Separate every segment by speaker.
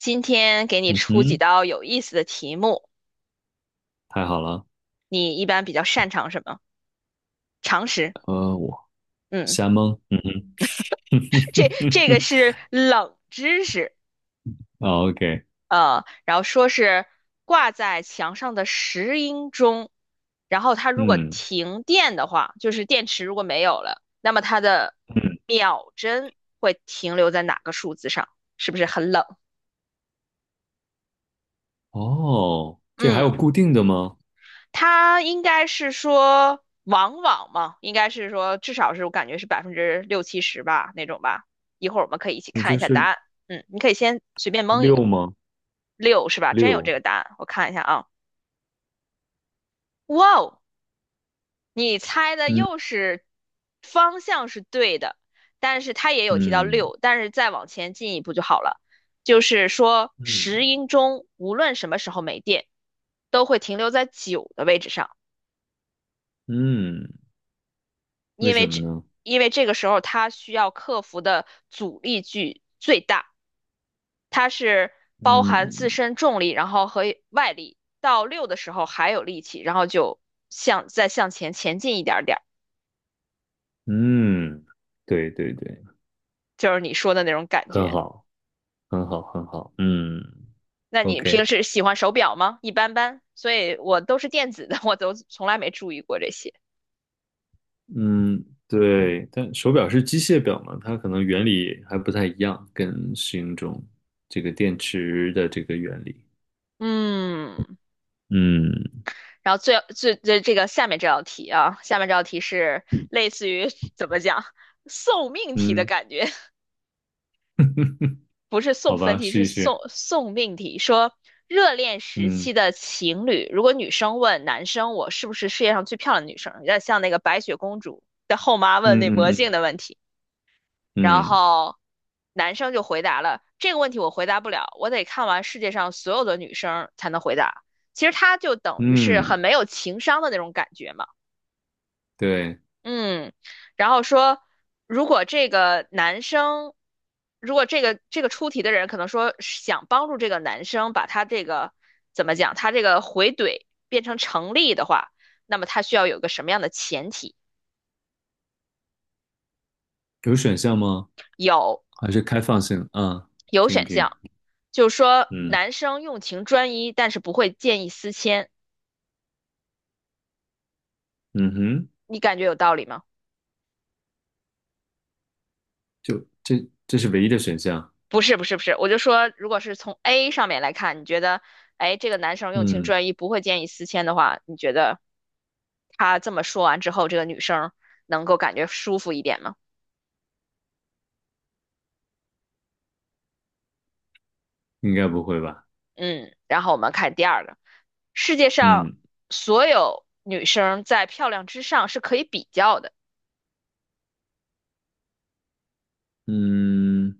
Speaker 1: 今天给你
Speaker 2: 嗯
Speaker 1: 出几
Speaker 2: 哼，
Speaker 1: 道有意思的题目，
Speaker 2: 太好了。
Speaker 1: 你一般比较擅长什么？常识，
Speaker 2: 我
Speaker 1: 嗯，
Speaker 2: 瞎蒙。嗯哼
Speaker 1: 这个是 冷知识，
Speaker 2: 啊，OK，
Speaker 1: 然后说是挂在墙上的石英钟，然后它如果
Speaker 2: 嗯
Speaker 1: 停电的话，就是电池如果没有了，那么它的
Speaker 2: 嗯，
Speaker 1: 秒针会停留在哪个数字上？是不是很冷？
Speaker 2: 哦，这还
Speaker 1: 嗯。
Speaker 2: 有固定的吗？
Speaker 1: 它应该是说往往嘛，应该是说至少是我感觉是百分之六七十吧那种吧。一会儿我们可以一起
Speaker 2: 那
Speaker 1: 看一
Speaker 2: 就
Speaker 1: 下答
Speaker 2: 是
Speaker 1: 案。嗯，你可以先随便蒙一个，
Speaker 2: 六吗？
Speaker 1: 六是吧？真有这
Speaker 2: 六。
Speaker 1: 个答案，我看一下啊。哇哦，你猜的又
Speaker 2: 嗯
Speaker 1: 是方向是对的，但是它也有提到
Speaker 2: 嗯
Speaker 1: 六，但是再往前进一步就好了。就是说
Speaker 2: 嗯
Speaker 1: 石英钟无论什么时候没电，都会停留在九的位置上。
Speaker 2: 嗯，为
Speaker 1: 因为
Speaker 2: 什么
Speaker 1: 这
Speaker 2: 呢？
Speaker 1: 因为这个时候它需要克服的阻力距最大，它是包含自
Speaker 2: 嗯
Speaker 1: 身重力，然后和外力。到六的时候还有力气，然后就向再向前前进一点点儿，
Speaker 2: 嗯，对对对，
Speaker 1: 就是你说的那种感
Speaker 2: 很
Speaker 1: 觉。
Speaker 2: 好，很好，很好。嗯
Speaker 1: 那你平
Speaker 2: ，OK。
Speaker 1: 时喜欢手表吗？一般般，所以我都是电子的，我都从来没注意过这些。
Speaker 2: 嗯，对，但手表是机械表嘛，它可能原理还不太一样，跟适应中这个电池的这个原理。
Speaker 1: 嗯，
Speaker 2: 嗯
Speaker 1: 然后最这个下面这道题啊，下面这道题是类似于怎么讲 送命题的
Speaker 2: 嗯，
Speaker 1: 感觉，不是
Speaker 2: 好
Speaker 1: 送分
Speaker 2: 吧，
Speaker 1: 题，
Speaker 2: 试
Speaker 1: 是
Speaker 2: 一
Speaker 1: 送
Speaker 2: 试。
Speaker 1: 送命题。说热恋时
Speaker 2: 嗯
Speaker 1: 期的情侣，如果女生问男生我是不是世界上最漂亮的女生，有点像那个白雪公主的后妈问那魔
Speaker 2: 嗯嗯
Speaker 1: 镜
Speaker 2: 嗯
Speaker 1: 的问题，然
Speaker 2: 嗯
Speaker 1: 后男生就回答了这个问题我回答不了，我得看完世界上所有的女生才能回答。其实他就等于是
Speaker 2: 嗯，
Speaker 1: 很没有情商的那种感觉嘛。
Speaker 2: 对，
Speaker 1: 嗯，然后说，如果这个男生，如果这个出题的人可能说是想帮助这个男生把他这个怎么讲，他这个回怼变成成立的话，那么他需要有个什么样的前提？
Speaker 2: 有选项吗？
Speaker 1: 有
Speaker 2: 还是开放性？啊，
Speaker 1: 有
Speaker 2: 听一
Speaker 1: 选
Speaker 2: 听。
Speaker 1: 项，就是说
Speaker 2: 嗯
Speaker 1: 男生用情专一，但是不会见异思迁，
Speaker 2: 嗯哼，
Speaker 1: 你感觉有道理吗？
Speaker 2: 就这是唯一的选项。
Speaker 1: 不是，不是，不是，我就说，如果是从 A 上面来看，你觉得，哎，这个男生用情
Speaker 2: 嗯，
Speaker 1: 专一，不会见异思迁的话，你觉得？他这么说完之后，这个女生能够感觉舒服一点吗？
Speaker 2: 应该不会吧？
Speaker 1: 嗯，然后我们看第二个，世界上
Speaker 2: 嗯
Speaker 1: 所有女生在漂亮之上是可以比较的。
Speaker 2: 嗯，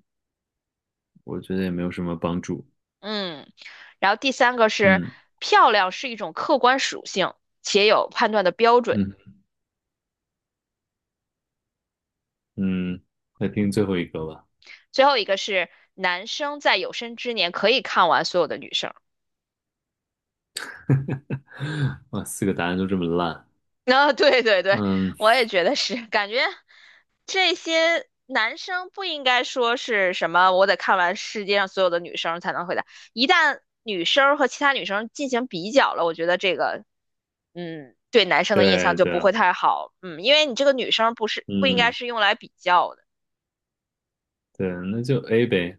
Speaker 2: 我觉得也没有什么帮助。
Speaker 1: 嗯，然后第三个是
Speaker 2: 嗯
Speaker 1: 漂亮是一种客观属性，且有判断的标准。
Speaker 2: 嗯嗯，来听最后一个吧。
Speaker 1: 最后一个是男生在有生之年可以看完所有的女生。
Speaker 2: 哇，四个答案都这么烂。
Speaker 1: 啊，对，对，对，
Speaker 2: 嗯，
Speaker 1: 我也觉得是，感觉这些男生不应该说是什么，我得看完世界上所有的女生才能回答。一旦女生和其他女生进行比较了，我觉得这个，嗯，对男生的印象
Speaker 2: 对
Speaker 1: 就不
Speaker 2: 对，
Speaker 1: 会太好，嗯，因为你这个女生不是不应该
Speaker 2: 嗯
Speaker 1: 是用来比较的，
Speaker 2: 对，那就 A 呗。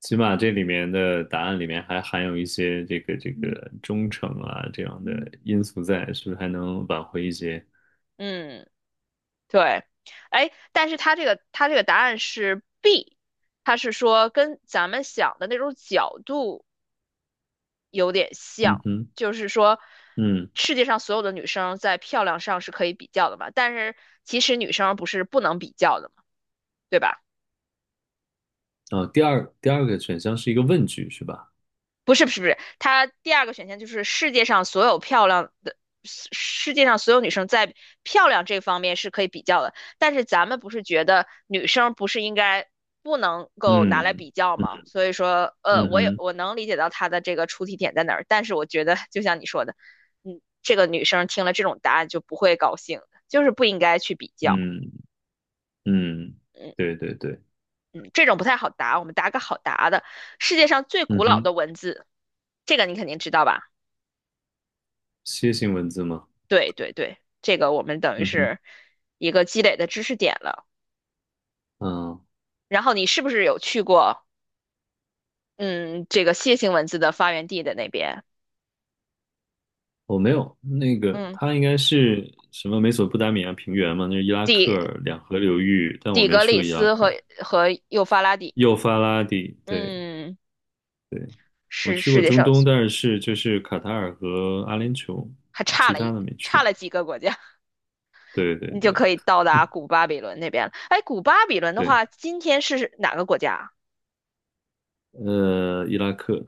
Speaker 2: 起码这里面的答案里面还含有一些这个忠诚啊这样的因素在，是不是还能挽回一些？
Speaker 1: 嗯，对，哎，但是他这个答案是 B，他是说跟咱们想的那种角度。有点像，
Speaker 2: 嗯哼，
Speaker 1: 就是说，
Speaker 2: 嗯，
Speaker 1: 世界上所有的女生在漂亮上是可以比较的嘛，但是其实女生不是不能比较的嘛，对吧？
Speaker 2: 哦，第二个选项是一个问句是吧？
Speaker 1: 不是，不是，不是，它第二个选项就是世界上所有女生在漂亮这方面是可以比较的，但是咱们不是觉得女生不是应该不能够拿来
Speaker 2: 嗯
Speaker 1: 比较吗？
Speaker 2: 嗯
Speaker 1: 所以说，
Speaker 2: 嗯
Speaker 1: 我也
Speaker 2: 哼，
Speaker 1: 我能理解到他的这个出题点在哪儿，但是我觉得就像你说的，嗯，这个女生听了这种答案就不会高兴的就是不应该去比较，
Speaker 2: 嗯嗯，
Speaker 1: 嗯
Speaker 2: 对对对，
Speaker 1: 嗯，这种不太好答，我们答个好答的，世界上最古
Speaker 2: 嗯
Speaker 1: 老
Speaker 2: 哼，
Speaker 1: 的文字，这个你肯定知道吧？
Speaker 2: 楔形文字吗？
Speaker 1: 对，对，对，这个我们等于
Speaker 2: 嗯哼，
Speaker 1: 是一个积累的知识点了。
Speaker 2: 嗯。
Speaker 1: 然后你是不是有去过，嗯，这个楔形文字的发源地的那边？
Speaker 2: 我没有，那个
Speaker 1: 嗯，
Speaker 2: 它应该是什么美索不达米亚平原嘛，那是伊拉克
Speaker 1: 底
Speaker 2: 两河流域，但我
Speaker 1: 底
Speaker 2: 没
Speaker 1: 格
Speaker 2: 去
Speaker 1: 里
Speaker 2: 过伊拉
Speaker 1: 斯
Speaker 2: 克。
Speaker 1: 和幼发拉底，
Speaker 2: 幼发拉底，对
Speaker 1: 嗯，
Speaker 2: 对，我
Speaker 1: 是
Speaker 2: 去
Speaker 1: 世
Speaker 2: 过
Speaker 1: 界
Speaker 2: 中
Speaker 1: 上
Speaker 2: 东，但是就是卡塔尔和阿联酋，
Speaker 1: 还差
Speaker 2: 其
Speaker 1: 了
Speaker 2: 他
Speaker 1: 一
Speaker 2: 的没去
Speaker 1: 差
Speaker 2: 过。
Speaker 1: 了几个国家，
Speaker 2: 对对
Speaker 1: 你就
Speaker 2: 对
Speaker 1: 可以到达古巴比伦那边了。哎，古巴比伦的
Speaker 2: 对，
Speaker 1: 话，今天是哪个国家啊？
Speaker 2: 伊拉克，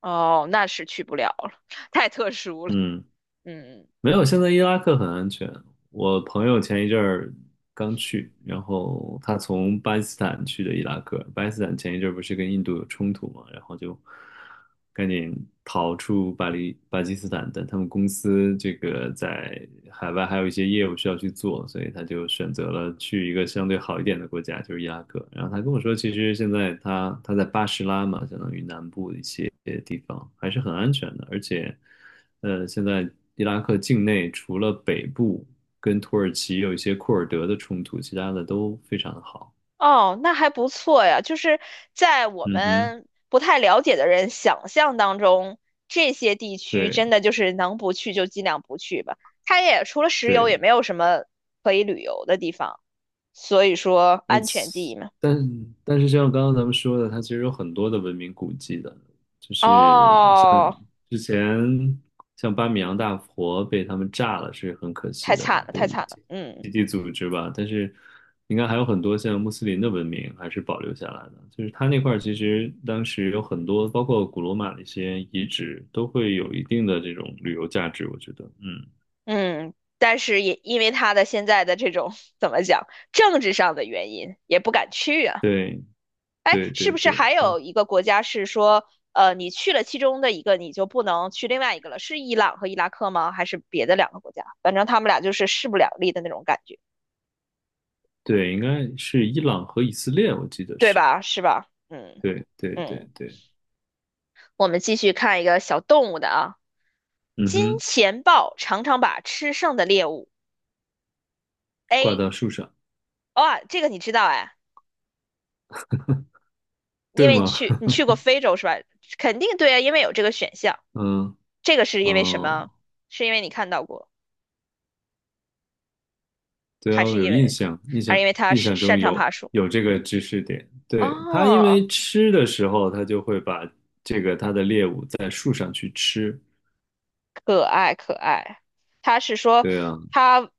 Speaker 1: 哦，那是去不了了，太特殊了。
Speaker 2: 嗯。
Speaker 1: 嗯。
Speaker 2: 没有，现在伊拉克很安全。我朋友前一阵儿刚去，然后他从巴基斯坦去的伊拉克。巴基斯坦前一阵儿不是跟印度有冲突嘛，然后就赶紧逃出巴基斯坦，但他们公司这个在海外还有一些业务需要去做，所以他就选择了去一个相对好一点的国家，就是伊拉克。然后他跟我说，其实现在他在巴士拉嘛，相当于南部的一些地方还是很安全的，而且。现在伊拉克境内除了北部跟土耳其有一些库尔德的冲突，其他的都非常的好。
Speaker 1: 哦，那还不错呀。就是在我
Speaker 2: 嗯哼，
Speaker 1: 们不太了解的人想象当中，这些地区
Speaker 2: 对
Speaker 1: 真的就是能不去就尽量不去吧。它也除了石油，
Speaker 2: 对，
Speaker 1: 也没有什么可以旅游的地方，所以说
Speaker 2: 嗯，
Speaker 1: 安全第一嘛。
Speaker 2: 但但是就像刚刚咱们说的，它其实有很多的文明古迹的，就是你像
Speaker 1: 哦，
Speaker 2: 之前像巴米扬大佛被他们炸了是很可
Speaker 1: 太
Speaker 2: 惜的，
Speaker 1: 惨了，太
Speaker 2: 被
Speaker 1: 惨了。
Speaker 2: 基
Speaker 1: 嗯
Speaker 2: 基地组织吧，但是应该还有很多像穆斯林的文明还是保留下来的，就是它那块儿其实当时有很多，包括古罗马的一些遗址，都会有一定的这种旅游价值，我觉得，嗯，
Speaker 1: 嗯，但是也因为他的现在的这种 怎么讲，政治上的原因，也不敢去啊。
Speaker 2: 对
Speaker 1: 哎，
Speaker 2: 对
Speaker 1: 是
Speaker 2: 对
Speaker 1: 不是
Speaker 2: 对，
Speaker 1: 还
Speaker 2: 就是
Speaker 1: 有一个国家是说，你去了其中的一个，你就不能去另外一个了？是伊朗和伊拉克吗？还是别的两个国家？反正他们俩就是势不两立的那种感觉，
Speaker 2: 对，应该是伊朗和以色列，我记得
Speaker 1: 对
Speaker 2: 是。
Speaker 1: 吧？是吧？嗯
Speaker 2: 对对对
Speaker 1: 嗯，
Speaker 2: 对，
Speaker 1: 我们继续看一个小动物的啊，
Speaker 2: 嗯
Speaker 1: 金
Speaker 2: 哼，
Speaker 1: 钱豹常常把吃剩的猎物 A，
Speaker 2: 挂到树上，
Speaker 1: 哇，这个你知道哎，因
Speaker 2: 对
Speaker 1: 为你
Speaker 2: 吗？
Speaker 1: 去你 去过非洲是吧？肯定对啊，因为有这个选项。
Speaker 2: 嗯
Speaker 1: 这个是因为什么？
Speaker 2: 哦，
Speaker 1: 是因为你看到过，
Speaker 2: 对
Speaker 1: 还
Speaker 2: 啊，
Speaker 1: 是
Speaker 2: 我有
Speaker 1: 因
Speaker 2: 印
Speaker 1: 为
Speaker 2: 象，印
Speaker 1: 还是
Speaker 2: 象
Speaker 1: 因为它
Speaker 2: 印
Speaker 1: 是
Speaker 2: 象中
Speaker 1: 擅长爬
Speaker 2: 有
Speaker 1: 树？
Speaker 2: 有这个知识点。对，它因
Speaker 1: 哦，
Speaker 2: 为吃的时候，它就会把这个它的猎物在树上去吃。
Speaker 1: 可爱可爱。他是说
Speaker 2: 对啊，
Speaker 1: 他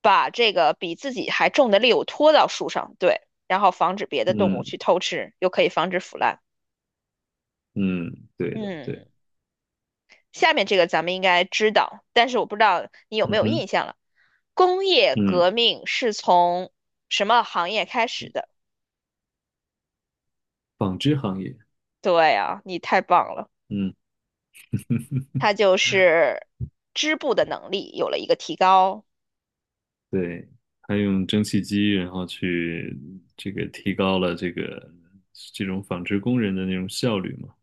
Speaker 1: 把这个比自己还重的猎物拖到树上，对，然后防止别的动物
Speaker 2: 嗯
Speaker 1: 去偷吃，又可以防止腐烂。
Speaker 2: 嗯，对的，
Speaker 1: 嗯，
Speaker 2: 对，
Speaker 1: 下面这个咱们应该知道，但是我不知道你有没
Speaker 2: 嗯
Speaker 1: 有
Speaker 2: 哼，
Speaker 1: 印象了。工业
Speaker 2: 嗯，
Speaker 1: 革命是从什么行业开始的？
Speaker 2: 纺织行业，
Speaker 1: 对啊，你太棒了，
Speaker 2: 嗯，
Speaker 1: 它就是织布的能力有了一个提高。
Speaker 2: 对，它用蒸汽机，然后去这个提高了这个这种纺织工人的那种效率嘛。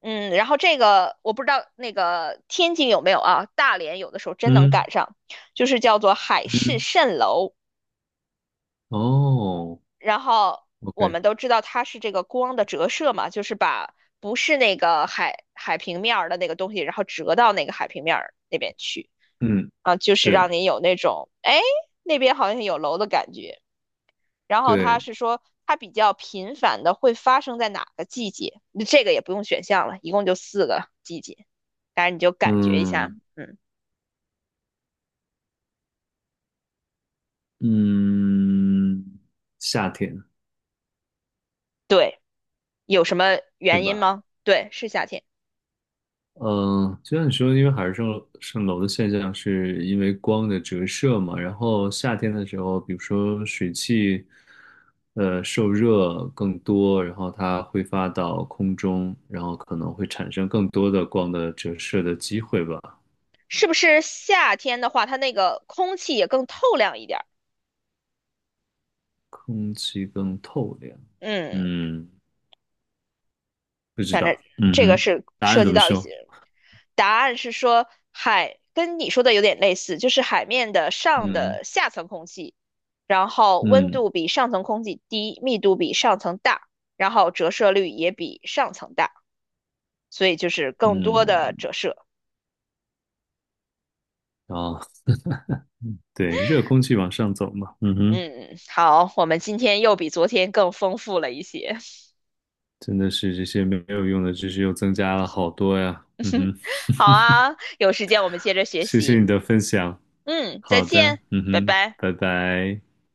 Speaker 1: 嗯，然后这个我不知道那个天津有没有啊，大连有的时候真能
Speaker 2: 嗯
Speaker 1: 赶上，就是叫做海市
Speaker 2: 嗯。
Speaker 1: 蜃楼。
Speaker 2: 哦
Speaker 1: 然后我
Speaker 2: ，OK，
Speaker 1: 们都知道它是这个光的折射嘛，就是把不是那个海平面儿的那个东西，然后折到那个海平面儿那边去
Speaker 2: 嗯，
Speaker 1: 啊，就是让
Speaker 2: 对
Speaker 1: 你有那种哎那边好像有楼的感觉。然后他
Speaker 2: 对，
Speaker 1: 是说它比较频繁的会发生在哪个季节？这个也不用选项了，一共就四个季节，当然你就感觉一下，
Speaker 2: 嗯
Speaker 1: 嗯，
Speaker 2: 嗯，夏天
Speaker 1: 对，有什么
Speaker 2: 对
Speaker 1: 原因
Speaker 2: 吧？
Speaker 1: 吗？对，是夏天，
Speaker 2: 嗯，就像你说的，因为海市蜃楼的现象是因为光的折射嘛，然后夏天的时候，比如说水汽，受热更多，然后它挥发到空中，然后可能会产生更多的光的折射的机会吧，
Speaker 1: 是不是夏天的话，它那个空气也更透亮一点儿？
Speaker 2: 空气更透亮，
Speaker 1: 嗯，
Speaker 2: 嗯。不知
Speaker 1: 反正
Speaker 2: 道。嗯
Speaker 1: 这个
Speaker 2: 哼，
Speaker 1: 是
Speaker 2: 答案
Speaker 1: 涉及
Speaker 2: 怎么
Speaker 1: 到一
Speaker 2: 说？
Speaker 1: 些答案是说海跟你说的有点类似，就是海面的上
Speaker 2: 嗯
Speaker 1: 的下层空气，然后温
Speaker 2: 嗯
Speaker 1: 度比上层空气低，密度比上层大，然后折射率也比上层大，所以就是更多的
Speaker 2: 嗯，
Speaker 1: 折射。
Speaker 2: 啊，对，热空气往上走嘛。嗯哼，
Speaker 1: 嗯，好，我们今天又比昨天更丰富了一些。
Speaker 2: 真的是这些没有用的知识又增加了好多呀。嗯哼，
Speaker 1: 好啊，有时间我们接着学
Speaker 2: 谢谢
Speaker 1: 习。
Speaker 2: 你的分享。
Speaker 1: 嗯，再
Speaker 2: 好
Speaker 1: 见，
Speaker 2: 的，嗯
Speaker 1: 拜
Speaker 2: 哼，
Speaker 1: 拜。
Speaker 2: 拜拜。